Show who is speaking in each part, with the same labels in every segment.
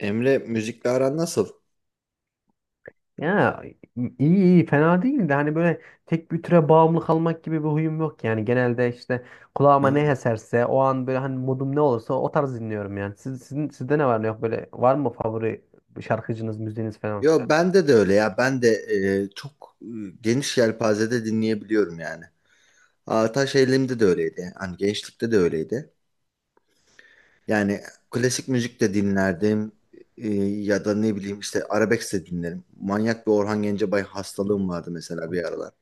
Speaker 1: Emre müzikle aran nasıl?
Speaker 2: Ya iyi, fena değil de hani böyle tek bir türe bağımlı kalmak gibi bir huyum yok, yani genelde işte
Speaker 1: Hı
Speaker 2: kulağıma ne
Speaker 1: hı.
Speaker 2: eserse o an, böyle hani modum ne olursa o tarz dinliyorum yani. Siz, sizde ne var ne yok, böyle var mı favori şarkıcınız, müziğiniz falan?
Speaker 1: Yo bende de öyle ya. Ben de çok geniş yelpazede dinleyebiliyorum yani. Ataş Eğilim'de de öyleydi. Hani gençlikte de öyleydi. Yani klasik müzik de dinlerdim. Ya da ne bileyim işte arabesk de dinlerim. Manyak bir Orhan Gencebay hastalığım vardı mesela bir aralar.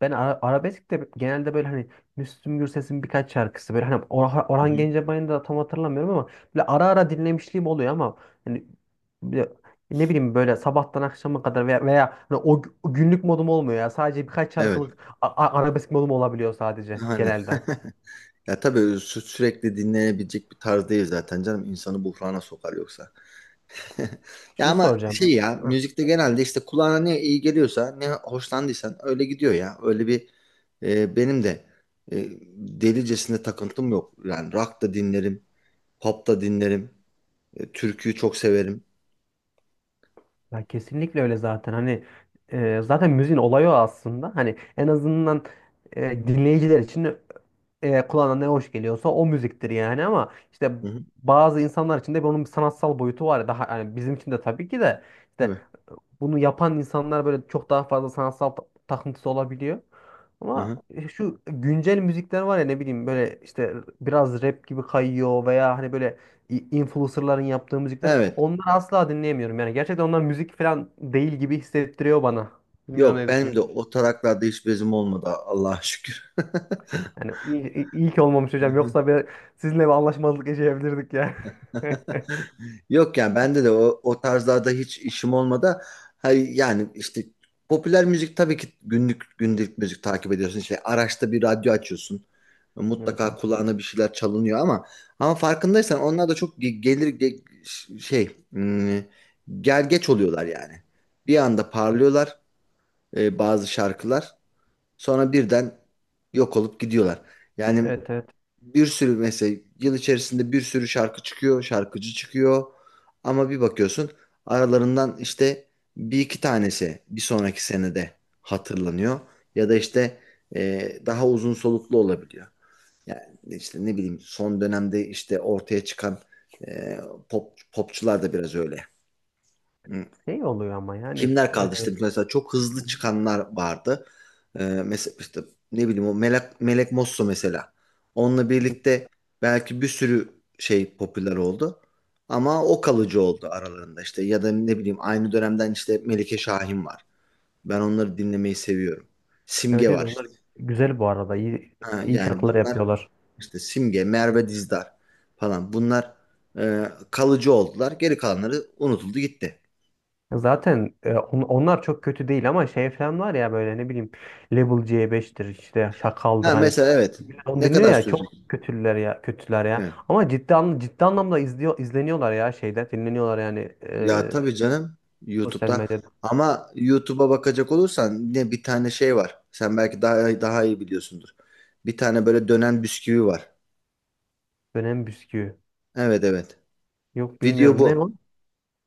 Speaker 2: Ben arabesk de genelde böyle hani Müslüm Gürses'in birkaç şarkısı, böyle hani
Speaker 1: Hı
Speaker 2: Orhan
Speaker 1: hı.
Speaker 2: Gencebay'ın da tam hatırlamıyorum ama böyle ara ara dinlemişliğim oluyor, ama hani bir de ne bileyim böyle sabahtan akşama kadar veya hani o günlük modum olmuyor ya. Sadece birkaç
Speaker 1: Evet.
Speaker 2: şarkılık arabesk modum olabiliyor sadece
Speaker 1: Aynen.
Speaker 2: genelde.
Speaker 1: Ya tabii sürekli dinlenebilecek bir tarz değil zaten canım. İnsanı buhrana sokar yoksa. Ya
Speaker 2: Şunu
Speaker 1: ama şey
Speaker 2: soracağım.
Speaker 1: ya
Speaker 2: Hı.
Speaker 1: müzikte genelde işte kulağına ne iyi geliyorsa ne hoşlandıysan öyle gidiyor ya. Öyle bir benim de e, delicesinde takıntım yok. Yani rock da dinlerim, pop da dinlerim, türküyü çok severim.
Speaker 2: Ya kesinlikle öyle zaten. Hani zaten müziğin olayı o aslında. Hani en azından dinleyiciler için kulağına ne hoş geliyorsa o müziktir yani, ama işte
Speaker 1: Hı hı,
Speaker 2: bazı insanlar için de bunun bir sanatsal boyutu var. Ya, daha yani bizim için de tabii ki de işte
Speaker 1: tabii.
Speaker 2: bunu yapan insanlar böyle çok daha fazla sanatsal takıntısı olabiliyor.
Speaker 1: Hı
Speaker 2: Ama
Speaker 1: hı.
Speaker 2: şu güncel müzikler var ya, ne bileyim böyle işte biraz rap gibi kayıyor veya hani böyle influencerların yaptığı müzikler,
Speaker 1: Evet.
Speaker 2: onları asla dinleyemiyorum. Yani gerçekten onlar müzik falan değil gibi hissettiriyor bana. Bilmiyorum ne
Speaker 1: Yok benim de
Speaker 2: düşünüyorsun.
Speaker 1: o taraklarda hiç bezim olmadı Allah'a şükür.
Speaker 2: Yani iyi ki olmamış hocam. Yoksa bir, sizinle bir anlaşmazlık yaşayabilirdik ya.
Speaker 1: Yok yani bende de o tarzlarda hiç işim olmadı. Hayır yani işte popüler müzik tabii ki günlük günlük müzik takip ediyorsun. İşte araçta bir radyo açıyorsun.
Speaker 2: Evet
Speaker 1: Mutlaka
Speaker 2: evet.
Speaker 1: kulağına bir şeyler çalınıyor ama farkındaysan onlar da çok ge- gelir ge- ş- şey hmm, gergeç oluyorlar yani. Bir anda parlıyorlar bazı şarkılar. Sonra birden yok olup gidiyorlar. Yani
Speaker 2: Evet evet.
Speaker 1: bir sürü mesela yıl içerisinde bir sürü şarkı çıkıyor, şarkıcı çıkıyor. Ama bir bakıyorsun aralarından işte bir iki tanesi bir sonraki senede hatırlanıyor. Ya da işte daha uzun soluklu olabiliyor. Yani işte ne bileyim son dönemde işte ortaya çıkan e, popçular da biraz öyle
Speaker 2: Şey oluyor ama yani
Speaker 1: kimler kaldı
Speaker 2: e,
Speaker 1: işte mesela çok hızlı çıkanlar vardı. Mesela işte ne bileyim o Melek Mosso mesela. Onunla birlikte belki bir sürü şey popüler oldu. Ama o kalıcı oldu aralarında işte ya da ne bileyim aynı dönemden işte Melike Şahin var. Ben onları dinlemeyi seviyorum. Simge
Speaker 2: evet evet,
Speaker 1: var
Speaker 2: onlar
Speaker 1: işte.
Speaker 2: güzel bu arada. İyi,
Speaker 1: Ha,
Speaker 2: iyi
Speaker 1: yani
Speaker 2: şarkılar
Speaker 1: bunlar
Speaker 2: yapıyorlar.
Speaker 1: işte Simge, Merve Dizdar falan bunlar kalıcı oldular. Geri kalanları unutuldu gitti.
Speaker 2: Zaten onlar çok kötü değil, ama şey falan var ya, böyle ne bileyim Level C beştir işte, Şakal'dır,
Speaker 1: Ha
Speaker 2: hani
Speaker 1: mesela, evet,
Speaker 2: millet onu
Speaker 1: ne
Speaker 2: dinliyor
Speaker 1: kadar
Speaker 2: ya, çok
Speaker 1: sürecek?
Speaker 2: kötüler ya, kötüler ya.
Speaker 1: Evet.
Speaker 2: Ama ciddi anlamda izliyor, izleniyorlar ya, şeyde dinleniyorlar yani,
Speaker 1: Ya tabii canım
Speaker 2: sosyal
Speaker 1: YouTube'da.
Speaker 2: medyada,
Speaker 1: Ama YouTube'a bakacak olursan ne, bir tane şey var. Sen belki daha daha iyi biliyorsundur. Bir tane böyle dönen bisküvi var.
Speaker 2: dönem bisküvi.
Speaker 1: Evet evet.
Speaker 2: Yok,
Speaker 1: Video
Speaker 2: bilmiyorum, ne o?
Speaker 1: bu.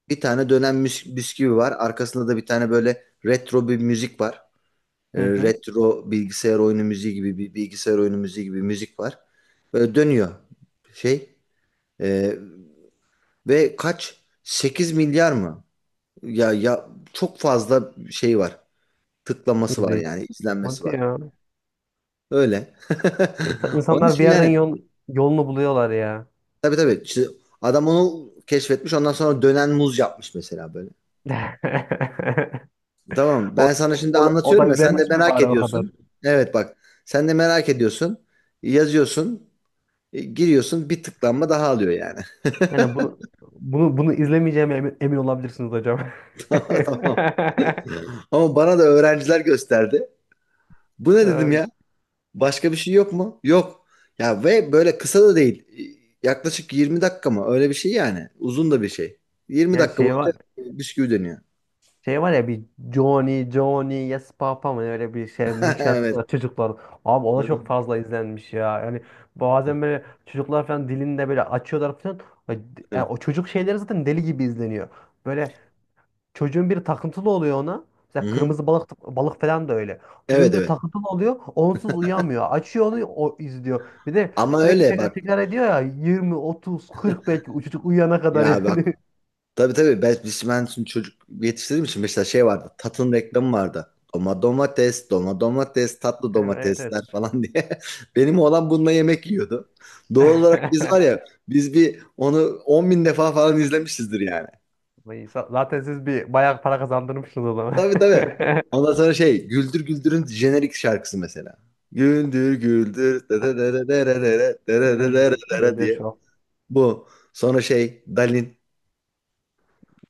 Speaker 1: Bir tane dönen bisküvi var. Arkasında da bir tane böyle retro bir müzik var.
Speaker 2: Hı hı.
Speaker 1: Retro bilgisayar oyunu müziği gibi, bir bilgisayar oyunu müziği gibi müzik var. Böyle dönüyor şey. Ee, ve kaç, 8 milyar mı? Ya ya çok fazla şey var. Tıklaması var
Speaker 2: İzleyici.
Speaker 1: yani, izlenmesi
Speaker 2: Hadi
Speaker 1: var.
Speaker 2: ya.
Speaker 1: Öyle. Onun
Speaker 2: İnsanlar bir
Speaker 1: için
Speaker 2: yerden
Speaker 1: yani,
Speaker 2: yol, yolunu buluyorlar ya.
Speaker 1: tabii tabii işte adam onu keşfetmiş, ondan sonra dönen muz yapmış mesela böyle. Tamam,
Speaker 2: O,
Speaker 1: ben sana şimdi
Speaker 2: O da
Speaker 1: anlatıyorum ya, sen de
Speaker 2: izlenmiş mi
Speaker 1: merak
Speaker 2: bari o kadar?
Speaker 1: ediyorsun. Evet bak, sen de merak ediyorsun. Yazıyorsun, giriyorsun, bir tıklanma daha alıyor yani.
Speaker 2: Yani bunu bunu bunu izlemeyeceğime emin olabilirsiniz hocam.
Speaker 1: Tamam. Ama bana da öğrenciler gösterdi. Bu ne dedim
Speaker 2: Ee,
Speaker 1: ya. Başka bir şey yok mu? Yok. Ya, ve böyle kısa da değil. Yaklaşık 20 dakika mı? Öyle bir şey yani. Uzun da bir şey. 20
Speaker 2: Yani
Speaker 1: dakika
Speaker 2: şey
Speaker 1: boyunca
Speaker 2: var.
Speaker 1: bisküvi dönüyor.
Speaker 2: Şey var ya, bir Johnny Johnny Yes Papa mı öyle bir şey, müzik şarkısı
Speaker 1: Evet.
Speaker 2: var çocuklar. Abi o
Speaker 1: Hı
Speaker 2: da
Speaker 1: hı.
Speaker 2: çok fazla izlenmiş ya. Yani bazen böyle çocuklar falan dilinde böyle açıyorlar falan. Yani o çocuk şeyleri zaten deli gibi izleniyor. Böyle çocuğun biri takıntılı oluyor ona.
Speaker 1: Hı
Speaker 2: Mesela
Speaker 1: hı.
Speaker 2: kırmızı balık balık falan da öyle. Çocuğun
Speaker 1: Evet
Speaker 2: biri
Speaker 1: evet.
Speaker 2: takıntılı oluyor. Onsuz uyamıyor. Açıyor, onu o izliyor. Bir de
Speaker 1: Ama
Speaker 2: sürekli
Speaker 1: öyle
Speaker 2: tekrar
Speaker 1: bak.
Speaker 2: tekrar ediyor ya, 20 30 40, belki o çocuk uyuyana kadar
Speaker 1: Ya bak.
Speaker 2: yani.
Speaker 1: Tabii tabii. Ben şimdi çocuk yetiştirdiğim için mesela şey vardı. Tatın reklamı vardı. Domates, domates, tatlı
Speaker 2: Evet evet.
Speaker 1: domatesler falan diye. Benim oğlan bununla yemek yiyordu. Doğal olarak biz var ya, biz bir onu 10 bin defa falan izlemişizdir yani.
Speaker 2: Vay, zaten siz bir bayağı para kazandırmışsınız o zaman.
Speaker 1: Tabii tabii. Ondan sonra şey, Güldür Güldür'ün jenerik şarkısı mesela. Güldür Güldür dere dere dere dere dere dere dere
Speaker 2: Güldür,
Speaker 1: dere
Speaker 2: güldür
Speaker 1: diye.
Speaker 2: şu.
Speaker 1: Bu. Sonra şey, Dalin.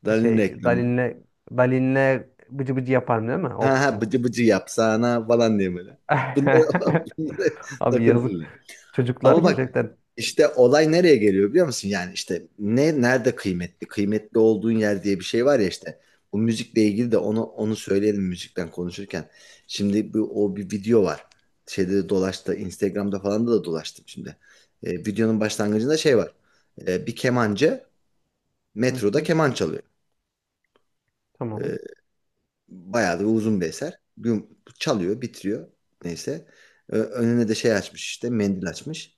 Speaker 1: Dalin
Speaker 2: Şey,
Speaker 1: reklamı.
Speaker 2: Dalin'le bıcı bıcı yaparım değil mi? O
Speaker 1: Ha ha,
Speaker 2: kısım.
Speaker 1: bıcı bıcı yapsana falan diye böyle. Bunlar, bunlar
Speaker 2: Abi yazık.
Speaker 1: takıntılı.
Speaker 2: Çocuklar
Speaker 1: Ama bak,
Speaker 2: gerçekten.
Speaker 1: işte olay nereye geliyor biliyor musun? Yani işte ne nerede kıymetli? Kıymetli olduğun yer diye bir şey var ya işte. Bu müzikle ilgili de onu söyleyelim müzikten konuşurken. Şimdi bu, o bir video var. Şeyde de dolaştı. Instagram'da falan da dolaştım şimdi. Videonun başlangıcında şey var. Bir kemancı
Speaker 2: Hı
Speaker 1: metroda
Speaker 2: hı,
Speaker 1: keman çalıyor.
Speaker 2: tamam.
Speaker 1: Ee, bayağı da uzun bir eser. Çalıyor, bitiriyor. Neyse. Önüne de şey açmış, işte mendil açmış.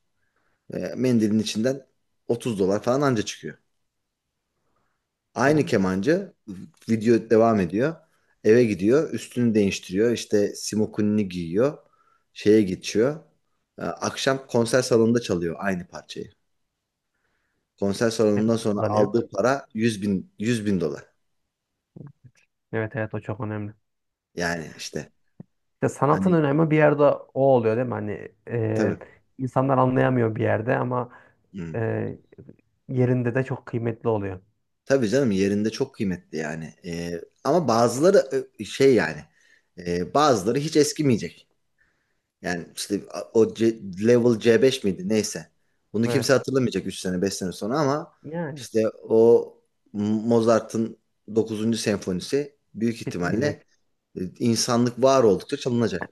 Speaker 1: Mendilin içinden 30 dolar falan anca çıkıyor. Aynı
Speaker 2: Tamam.
Speaker 1: kemancı, video devam ediyor. Eve gidiyor, üstünü değiştiriyor, işte simokunini giyiyor, şeye geçiyor. Akşam konser salonunda çalıyor aynı parçayı. Konser
Speaker 2: Ne
Speaker 1: salonundan
Speaker 2: kadar
Speaker 1: sonra
Speaker 2: kazanıyor?
Speaker 1: aldığı para 100 bin, 100 bin dolar.
Speaker 2: Evet evet, o çok önemli.
Speaker 1: Yani işte
Speaker 2: İşte sanatın
Speaker 1: hani,
Speaker 2: önemi bir yerde o oluyor değil mi? Hani
Speaker 1: tabii.
Speaker 2: insanlar anlayamıyor bir yerde, ama
Speaker 1: Hmm.
Speaker 2: e, yerinde de çok kıymetli oluyor.
Speaker 1: Tabii canım, yerinde çok kıymetli yani. Ama bazıları şey yani, bazıları hiç eskimeyecek. Yani işte o level C5 miydi neyse. Bunu kimse
Speaker 2: Evet.
Speaker 1: hatırlamayacak 3 sene 5 sene sonra, ama
Speaker 2: Yani
Speaker 1: işte o Mozart'ın dokuzuncu senfonisi büyük ihtimalle
Speaker 2: bitmeyecek.
Speaker 1: insanlık var oldukça çalınacak.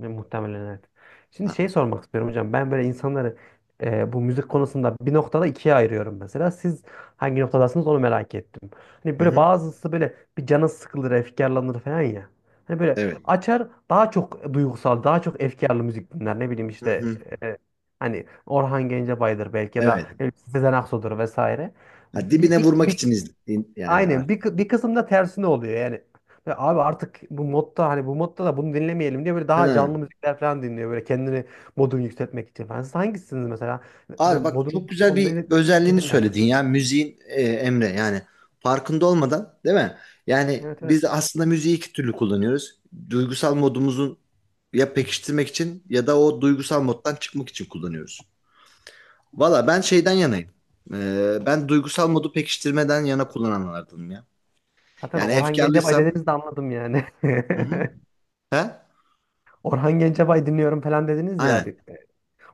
Speaker 2: Ve muhtemelen evet. Şimdi
Speaker 1: Ha.
Speaker 2: şey sormak istiyorum hocam. Ben böyle insanları bu müzik konusunda bir noktada ikiye ayırıyorum mesela. Siz hangi noktadasınız, onu merak ettim. Hani
Speaker 1: Hı
Speaker 2: böyle
Speaker 1: hı.
Speaker 2: bazısı böyle bir canı sıkılır, efkarlanır falan ya. Hani böyle
Speaker 1: Evet.
Speaker 2: açar, daha çok duygusal, daha çok efkarlı müzik dinler. Ne bileyim
Speaker 1: Hı
Speaker 2: işte
Speaker 1: hı.
Speaker 2: e, hani Orhan Gencebay'dır belki, ya da
Speaker 1: Evet.
Speaker 2: ne bileyim Sezen Aksu'dur vesaire.
Speaker 1: Ha,
Speaker 2: Bir,
Speaker 1: dibine
Speaker 2: bir,
Speaker 1: vurmak
Speaker 2: bir
Speaker 1: için izledim yani
Speaker 2: Aynen
Speaker 1: artık.
Speaker 2: bir, kı- Bir kısımda tersine oluyor yani. Ya abi artık bu modda, hani bu modda da bunu dinlemeyelim diye böyle daha
Speaker 1: Ha.
Speaker 2: canlı müzikler falan dinliyor, böyle kendini modunu yükseltmek için falan. Siz hangisiniz mesela?
Speaker 1: Abi
Speaker 2: Böyle
Speaker 1: bak,
Speaker 2: modunu
Speaker 1: çok güzel bir
Speaker 2: ne
Speaker 1: özelliğini
Speaker 2: dinlersin?
Speaker 1: söyledin ya müziğin, Emre, yani farkında olmadan değil mi? Yani
Speaker 2: Evet evet.
Speaker 1: biz aslında müziği iki türlü kullanıyoruz. Duygusal modumuzun ya pekiştirmek için ya da o duygusal moddan çıkmak için kullanıyoruz. Valla ben şeyden yanayım. Ben duygusal modu pekiştirmeden yana kullananlardanım ya.
Speaker 2: Zaten
Speaker 1: Yani
Speaker 2: Orhan Gencebay
Speaker 1: efkarlıysam,
Speaker 2: dediniz de anladım yani.
Speaker 1: hı hı, he?
Speaker 2: Orhan Gencebay dinliyorum falan dediniz ya
Speaker 1: Aynen.
Speaker 2: abi.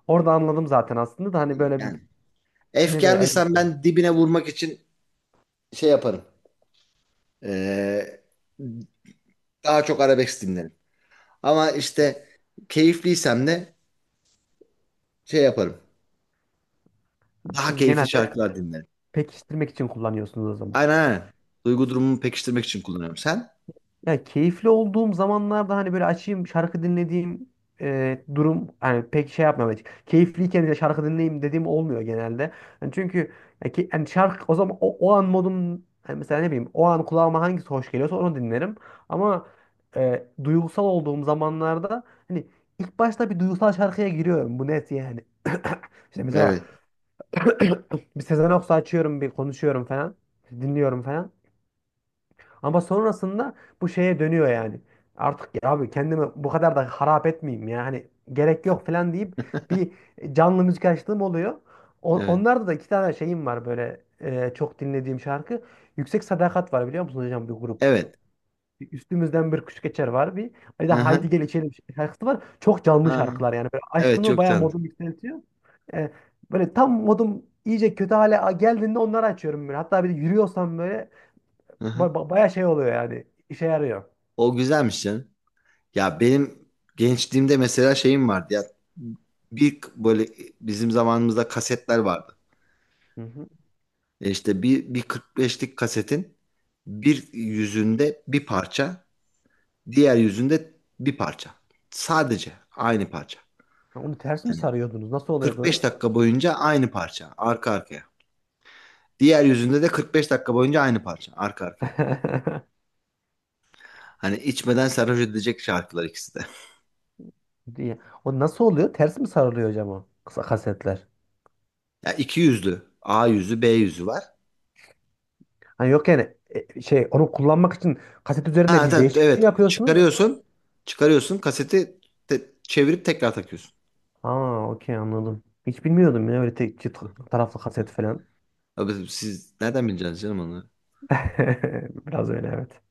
Speaker 2: Orada anladım zaten aslında, da hani böyle
Speaker 1: Yani
Speaker 2: bir yine de öyle bir
Speaker 1: efkarlıysam
Speaker 2: soru.
Speaker 1: ben, dibine vurmak için şey yaparım. Ee, daha çok arabesk dinlerim. Ama işte keyifliysem de şey yaparım. Daha
Speaker 2: Siz
Speaker 1: keyifli
Speaker 2: genelde
Speaker 1: şarkılar dinlerim.
Speaker 2: pekiştirmek için kullanıyorsunuz o zaman.
Speaker 1: Aynen aynen. Duygu durumumu pekiştirmek için kullanıyorum. Sen?
Speaker 2: Yani keyifli olduğum zamanlarda hani böyle açayım şarkı dinlediğim durum hani pek şey yapmam. Evet. Keyifliyken de şarkı dinleyeyim dediğim olmuyor genelde. Yani çünkü yani şarkı o zaman o an modum, hani mesela ne bileyim o an kulağıma hangisi hoş geliyorsa onu dinlerim. Ama duygusal olduğum zamanlarda hani ilk başta bir duygusal şarkıya giriyorum. Bu net yani. İşte mesela
Speaker 1: Evet.
Speaker 2: bir Sezen Aksu açıyorum, bir konuşuyorum falan, dinliyorum falan. Ama sonrasında bu şeye dönüyor yani. Artık ya abi kendimi bu kadar da harap etmeyeyim ya. Hani gerek yok falan deyip bir canlı müzik açtığım oluyor.
Speaker 1: Evet.
Speaker 2: Onlarda da iki tane şeyim var böyle, çok dinlediğim şarkı. Yüksek Sadakat var, biliyor musunuz hocam, bir grup.
Speaker 1: Evet.
Speaker 2: Üstümüzden Bir Kuş Geçer var bir. Bir de
Speaker 1: Hı
Speaker 2: Haydi
Speaker 1: hı.
Speaker 2: Gel İçelim şarkısı var. Çok canlı
Speaker 1: Ha,
Speaker 2: şarkılar yani. Böyle
Speaker 1: evet,
Speaker 2: açtığımda
Speaker 1: çok
Speaker 2: bayağı
Speaker 1: tanıdım.
Speaker 2: modum yükseltiyor. E, Böyle tam modum iyice kötü hale geldiğinde onları açıyorum böyle. Hatta bir de yürüyorsam böyle
Speaker 1: Hı hı.
Speaker 2: baya şey oluyor yani. İşe yarıyor.
Speaker 1: O güzelmiş canım. Ya benim gençliğimde mesela şeyim vardı ya. Bir böyle, bizim zamanımızda kasetler vardı.
Speaker 2: Hı hı.
Speaker 1: İşte bir, 45'lik kasetin bir yüzünde bir parça, diğer yüzünde bir parça. Sadece aynı parça.
Speaker 2: Onu ters mi
Speaker 1: Yani
Speaker 2: sarıyordunuz? Nasıl oluyordu o
Speaker 1: 45
Speaker 2: iş?
Speaker 1: dakika boyunca aynı parça arka arkaya. Diğer yüzünde de 45 dakika boyunca aynı parça arka arkaya. Hani içmeden sarhoş edecek şarkılar ikisi de.
Speaker 2: Diye. O nasıl oluyor? Ters mi sarılıyor hocam, o kısa kasetler?
Speaker 1: Ya iki yüzlü, A yüzü, B yüzü var.
Speaker 2: Hani yok yani şey, onu kullanmak için kaset üzerinde
Speaker 1: Ha
Speaker 2: bir
Speaker 1: tabii,
Speaker 2: değişiklik
Speaker 1: evet
Speaker 2: mi
Speaker 1: evet.
Speaker 2: yapıyorsunuz?
Speaker 1: Çıkarıyorsun. Çıkarıyorsun kaseti, çevirip tekrar takıyorsun.
Speaker 2: Aa, okey, anladım. Hiç bilmiyordum ya öyle tek çift taraflı kaset falan.
Speaker 1: Abi siz nereden bileceksiniz canım onu?
Speaker 2: Biraz öyle evet.